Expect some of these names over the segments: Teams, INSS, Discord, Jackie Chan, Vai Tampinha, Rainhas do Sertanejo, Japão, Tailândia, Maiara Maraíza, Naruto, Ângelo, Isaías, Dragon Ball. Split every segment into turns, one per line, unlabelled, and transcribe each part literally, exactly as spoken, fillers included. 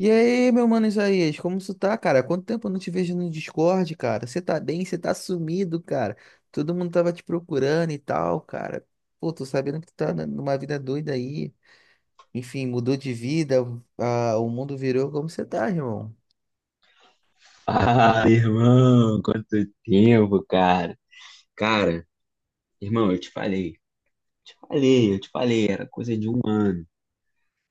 E aí, meu mano Isaías, como tu tá, cara? Quanto tempo eu não te vejo no Discord, cara? Você tá bem? Você tá sumido, cara? Todo mundo tava te procurando e tal, cara. Pô, tô sabendo que tu tá na- numa vida doida aí. Enfim, mudou de vida, ah, o mundo virou. Como você tá, irmão?
Ah, irmão, quanto tempo, cara. Cara, irmão, eu te falei, te falei, eu te falei, era coisa de um ano.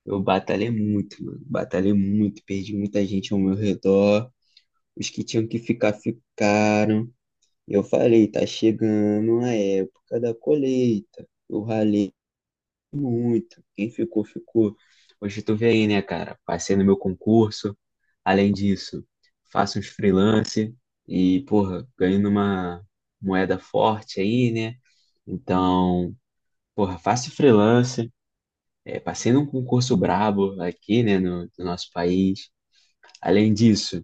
Eu batalhei muito, mano, batalhei muito, perdi muita gente ao meu redor. Os que tinham que ficar, ficaram. Eu falei, tá chegando a época da colheita. Eu ralei muito, quem ficou, ficou. Hoje tu vê aí, né, cara? Passei no meu concurso. Além disso, faço uns freelance e, porra, ganho numa moeda forte aí, né? Então, porra, faço freelance, é, passei num concurso brabo aqui, né, no, no nosso país. Além disso,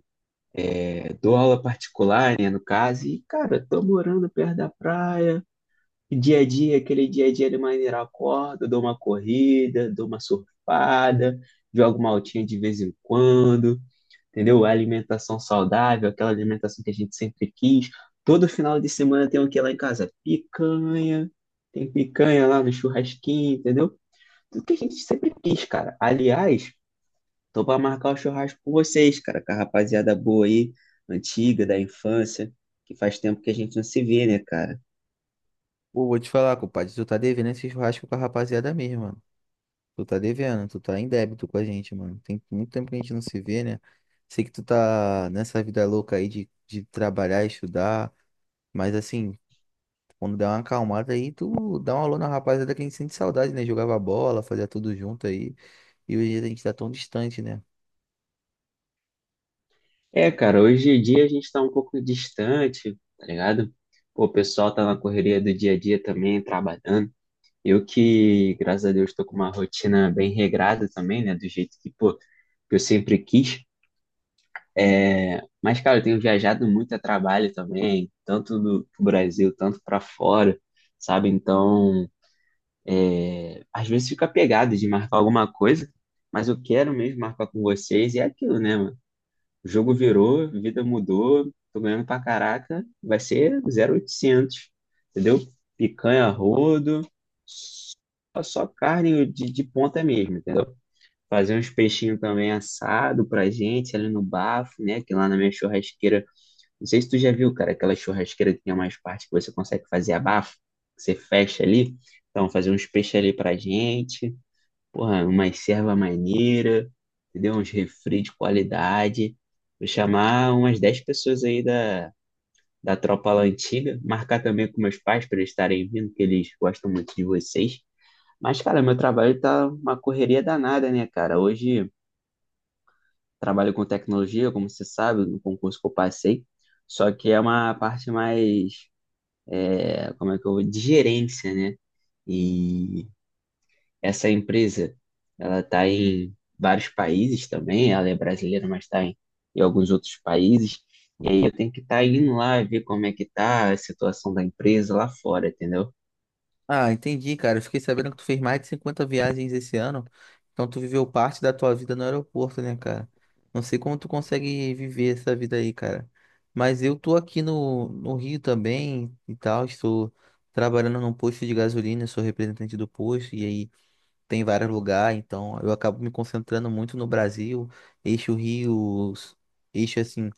é, dou aula particular, né, no caso, e, cara, tô morando perto da praia, dia a dia, aquele dia a dia de maneira eu acordo, dou uma corrida, dou uma surfada, jogo uma altinha de vez em quando, entendeu? A alimentação saudável, aquela alimentação que a gente sempre quis. Todo final de semana tem o que lá em casa? Picanha, tem picanha lá no churrasquinho, entendeu? Tudo que a gente sempre quis, cara. Aliás, tô pra marcar o churrasco com vocês, cara, com a rapaziada boa aí, antiga, da infância, que faz tempo que a gente não se vê, né, cara?
Pô, vou te falar, compadre, tu tá devendo esse churrasco com a rapaziada mesmo, mano. Tu tá devendo, tu tá em débito com a gente, mano. Tem muito tempo que a gente não se vê, né? Sei que tu tá nessa vida louca aí de, de trabalhar e estudar. Mas assim, Quando der uma acalmada aí, tu dá um alô na rapaziada que a gente sente saudade, né? Jogava bola, fazia tudo junto aí. E hoje a gente tá tão distante, né?
É, cara, hoje em dia a gente tá um pouco distante, tá ligado? Pô, o pessoal tá na correria do dia a dia também, trabalhando. Eu que, graças a Deus, estou com uma rotina bem regrada também, né? Do jeito que, pô, que eu sempre quis. Mas, cara, eu tenho viajado muito a trabalho também, tanto do pro Brasil, tanto para fora, sabe? Então, às vezes fica pegado de marcar alguma coisa, mas eu quero mesmo marcar com vocês e é aquilo, né, mano? O jogo virou, a vida mudou, tô ganhando pra caraca, vai ser zero oitocentos, entendeu? Picanha, a rodo, só, só carne de, de ponta mesmo, entendeu? Fazer uns peixinhos também assado pra gente ali no bafo, né? Que lá na minha churrasqueira, não sei se tu já viu, cara, aquela churrasqueira que tem umas partes que você consegue fazer abafo, que você fecha ali. Então, fazer uns peixes ali pra gente, porra, uma serva maneira, entendeu? Uns refri de qualidade. Vou chamar umas dez pessoas aí da, da tropa lá antiga, marcar também com meus pais para eles estarem vindo, que eles gostam muito de vocês. Mas, cara, meu trabalho tá uma correria danada, né, cara? Hoje trabalho com tecnologia, como você sabe, no concurso que eu passei, só que é uma parte mais, é, como é que eu vou, de gerência, né? E essa empresa, ela está em vários países também, ela é brasileira, mas está em, em alguns outros países, e aí eu tenho que estar indo lá ver como é que tá a situação da empresa lá fora, entendeu?
Ah, entendi, cara. Eu fiquei sabendo que tu fez mais de cinquenta viagens esse ano. Então tu viveu parte da tua vida no aeroporto, né, cara? Não sei como tu consegue viver essa vida aí, cara. Mas eu tô aqui no, no Rio também e tal. Estou trabalhando num posto de gasolina, sou representante do posto. E aí tem vários lugares, então eu acabo me concentrando muito no Brasil, eixo Rio, s- eixo assim,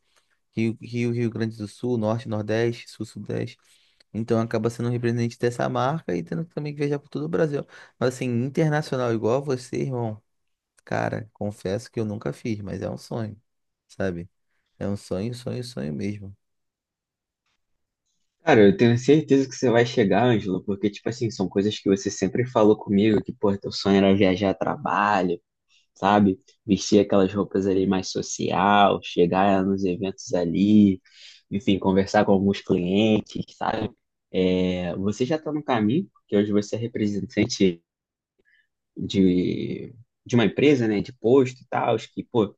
Rio, Rio, Rio Grande do Sul, Norte, Nordeste, Sul, Sudeste. Então acaba sendo um representante dessa marca e tendo também que viajar por todo o Brasil. Mas assim, internacional igual você, irmão, cara, confesso que eu nunca fiz, mas é um sonho, sabe? É um sonho, sonho, sonho mesmo.
Cara, eu tenho certeza que você vai chegar, Ângelo, porque, tipo assim, são coisas que você sempre falou comigo, que, pô, teu sonho era viajar a trabalho, sabe? Vestir aquelas roupas ali mais social, chegar nos eventos ali, enfim, conversar com alguns clientes, sabe? É, você já está no caminho, porque hoje você é representante de, de uma empresa, né, de posto e tal, que, pô,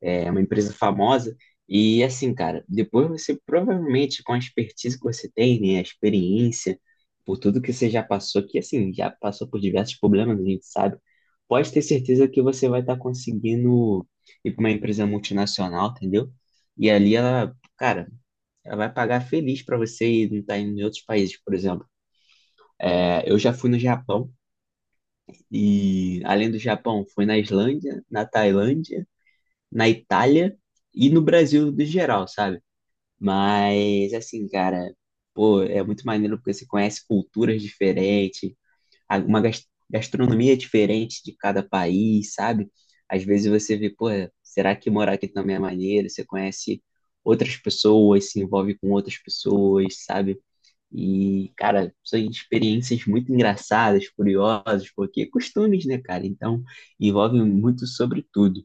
é uma empresa famosa. E assim, cara, depois você provavelmente, com a expertise que você tem, né, a experiência, por tudo que você já passou, que assim, já passou por diversos problemas, a gente sabe, pode ter certeza que você vai estar conseguindo ir para uma empresa multinacional, entendeu? E ali ela, cara, ela vai pagar feliz para você e não tá indo em outros países, por exemplo. É, eu já fui no Japão e, além do Japão, fui na Islândia, na Tailândia, na Itália e no Brasil no geral, sabe? Mas, assim, cara, pô, é muito maneiro porque você conhece culturas diferentes, a- uma gas- gastronomia diferente de cada país, sabe? Às vezes você vê, pô, será que morar aqui também é maneiro? Você conhece outras pessoas, se envolve com outras pessoas, sabe? E, cara, são experiências muito engraçadas, curiosas, porque é costumes, né, cara? Então, envolve muito sobre tudo.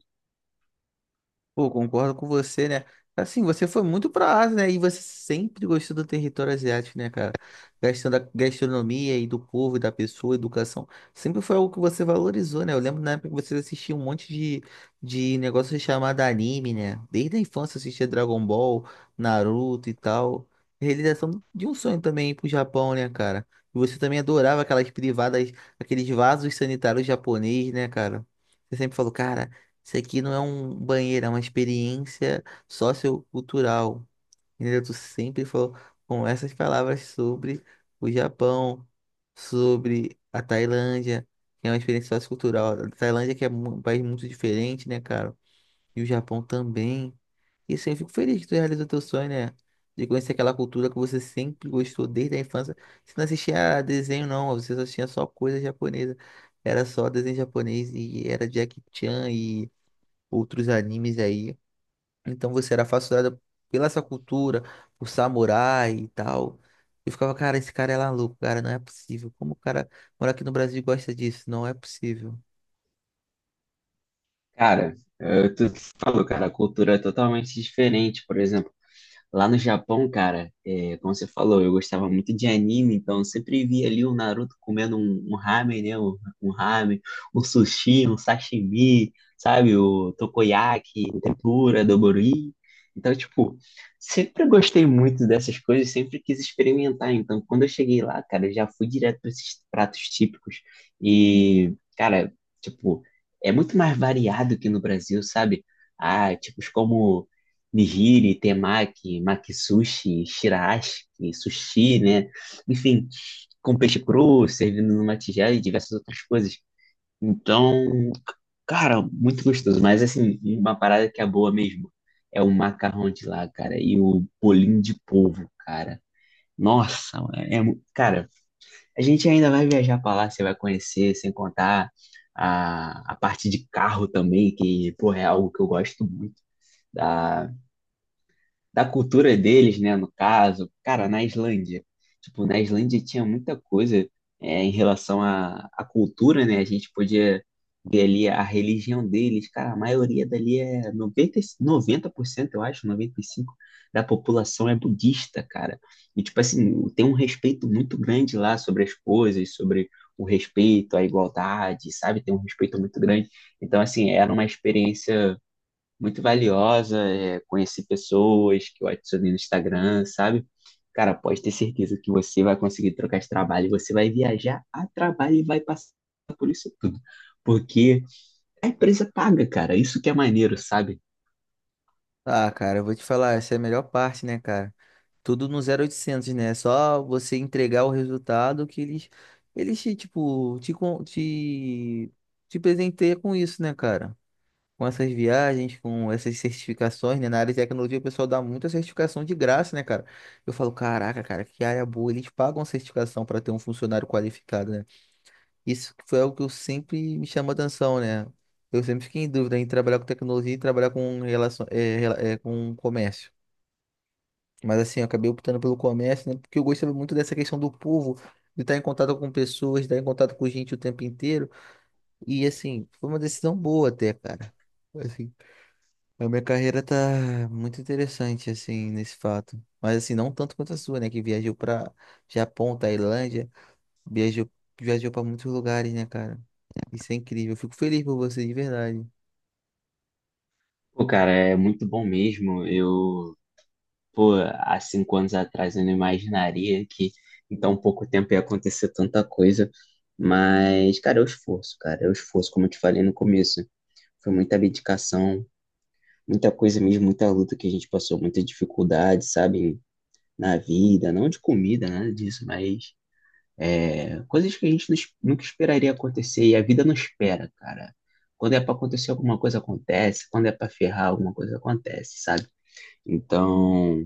Pô, concordo com você, né? Assim, você foi muito pra Ásia, né? E você sempre gostou do território asiático, né, cara? Gastando da gastronomia e do povo, e da pessoa, educação. Sempre foi algo que você valorizou, né? Eu lembro na época que você assistia um monte de, de negócio chamado anime, né? Desde a infância assistia Dragon Ball, Naruto e tal. Realização de um sonho também ir pro Japão, né, cara? E você também adorava aquelas privadas, aqueles vasos sanitários japoneses, né, cara? Você sempre falou, cara. Isso aqui não é um banheiro, é uma experiência sociocultural. Entendeu? Tu sempre falou com essas palavras sobre o Japão, sobre a Tailândia, que é uma experiência sociocultural. A Tailândia que é mu- um país muito diferente, né, cara? E o Japão também. E assim, eu fico feliz que tu realizou teu sonho, né? De conhecer aquela cultura que você sempre gostou desde a infância. Você não assistia a desenho, não. Você só tinha só coisa japonesa. Era só desenho japonês e era Jackie Chan e outros animes aí. Então você era fascinada pela essa cultura, por samurai e tal. Eu ficava, cara, esse cara é maluco, cara, não é possível. Como o cara mora aqui no Brasil e gosta disso? Não é possível.
Cara, eh, tu falou, cara, a cultura é totalmente diferente, por exemplo. Lá no Japão, cara, é, como você falou, eu gostava muito de anime, então eu sempre via ali o Naruto comendo um, um ramen, né? Um, um ramen, um sushi, um sashimi, sabe? O takoyaki, o tempura, dobori. Então, tipo, sempre gostei muito dessas coisas, sempre quis experimentar. Então, quando eu cheguei lá, cara, eu já fui direto para esses pratos típicos. E, cara, tipo, é muito mais variado que no Brasil, sabe? Ah, tipos como nigiri, temaki, makisushi, shiraashi, sushi, né? Enfim, com peixe cru, servindo numa tigela e diversas outras coisas. Então, cara, muito gostoso. Mas, assim, uma parada que é boa mesmo é o macarrão de lá, cara, e o bolinho de polvo, cara. Nossa, é, mu- cara, a gente ainda vai viajar pra lá, você vai conhecer, sem contar a, a parte de carro também, que, porra, é algo que eu gosto muito. Da, da cultura deles, né, no caso. Cara, na Islândia, tipo, na Islândia tinha muita coisa é, em relação à, à cultura, né? A gente podia ver ali a religião deles. Cara, a maioria dali é noventa, noventa por cento, eu acho, noventa e cinco por cento da população é budista, cara. E, tipo assim, tem um respeito muito grande lá sobre as coisas, sobre o respeito, a igualdade, sabe? Tem um respeito muito grande. Então, assim, era uma experiência muito valiosa, é, conheci pessoas que eu adicionei no Instagram, sabe? Cara, pode ter certeza que você vai conseguir trocar de trabalho, você vai viajar a trabalho e vai passar por isso tudo. Porque a empresa paga, cara, isso que é maneiro, sabe?
Ah, cara, eu vou te falar, essa é a melhor parte, né, cara? Tudo no zero oitocentos, né? Só você entregar o resultado que eles, eles te, tipo, te, con- te, te presenteiam com isso, né, cara? Com essas viagens, com essas certificações, né? Na área de tecnologia, o pessoal dá muita certificação de graça, né, cara? Eu falo, caraca, cara, que área boa. Eles pagam a certificação para ter um funcionário qualificado, né? Isso foi algo que eu sempre me chamou atenção, né? Eu sempre fiquei em dúvida em trabalhar com tecnologia e trabalhar com relação, é, rela- é, com comércio. Mas assim, eu acabei optando pelo comércio, né? Porque eu gostava muito dessa questão do povo, de estar em contato com pessoas, de estar em contato com gente o tempo inteiro. E assim, foi uma decisão boa até, cara. Assim, a minha carreira tá muito interessante, assim, nesse fato. Mas, assim, não tanto quanto a sua, né? Que viajou pra Japão, Tailândia, viajou, viajou pra muitos lugares, né, cara? Isso é incrível. Eu fico feliz por você, de verdade.
Pô, cara, é muito bom mesmo. Eu, pô, há cinco anos atrás eu não imaginaria que em tão pouco tempo ia acontecer tanta coisa. Mas, cara, é o esforço, cara, é o esforço, como eu te falei no começo. Foi muita dedicação, muita coisa mesmo, muita luta que a gente passou, muita dificuldade, sabe, na vida, não de comida, nada disso, mas é, coisas que a gente não es- nunca esperaria acontecer e a vida não espera, cara. Quando é pra acontecer alguma coisa acontece, quando é pra ferrar alguma coisa acontece, sabe? Então,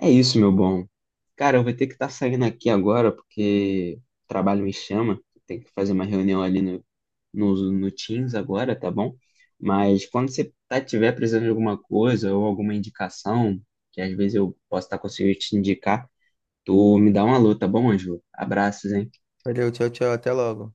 é isso, meu bom. Cara, eu vou ter que estar saindo aqui agora porque o trabalho me chama, tem que fazer uma reunião ali no no, no Teams agora, tá bom? Mas quando você tá, tiver precisando de alguma coisa ou alguma indicação, que às vezes eu posso estar conseguindo te indicar, tu me dá uma alô, tá bom, Ângelo? Abraços, hein?
Valeu, tchau, tchau. Até logo.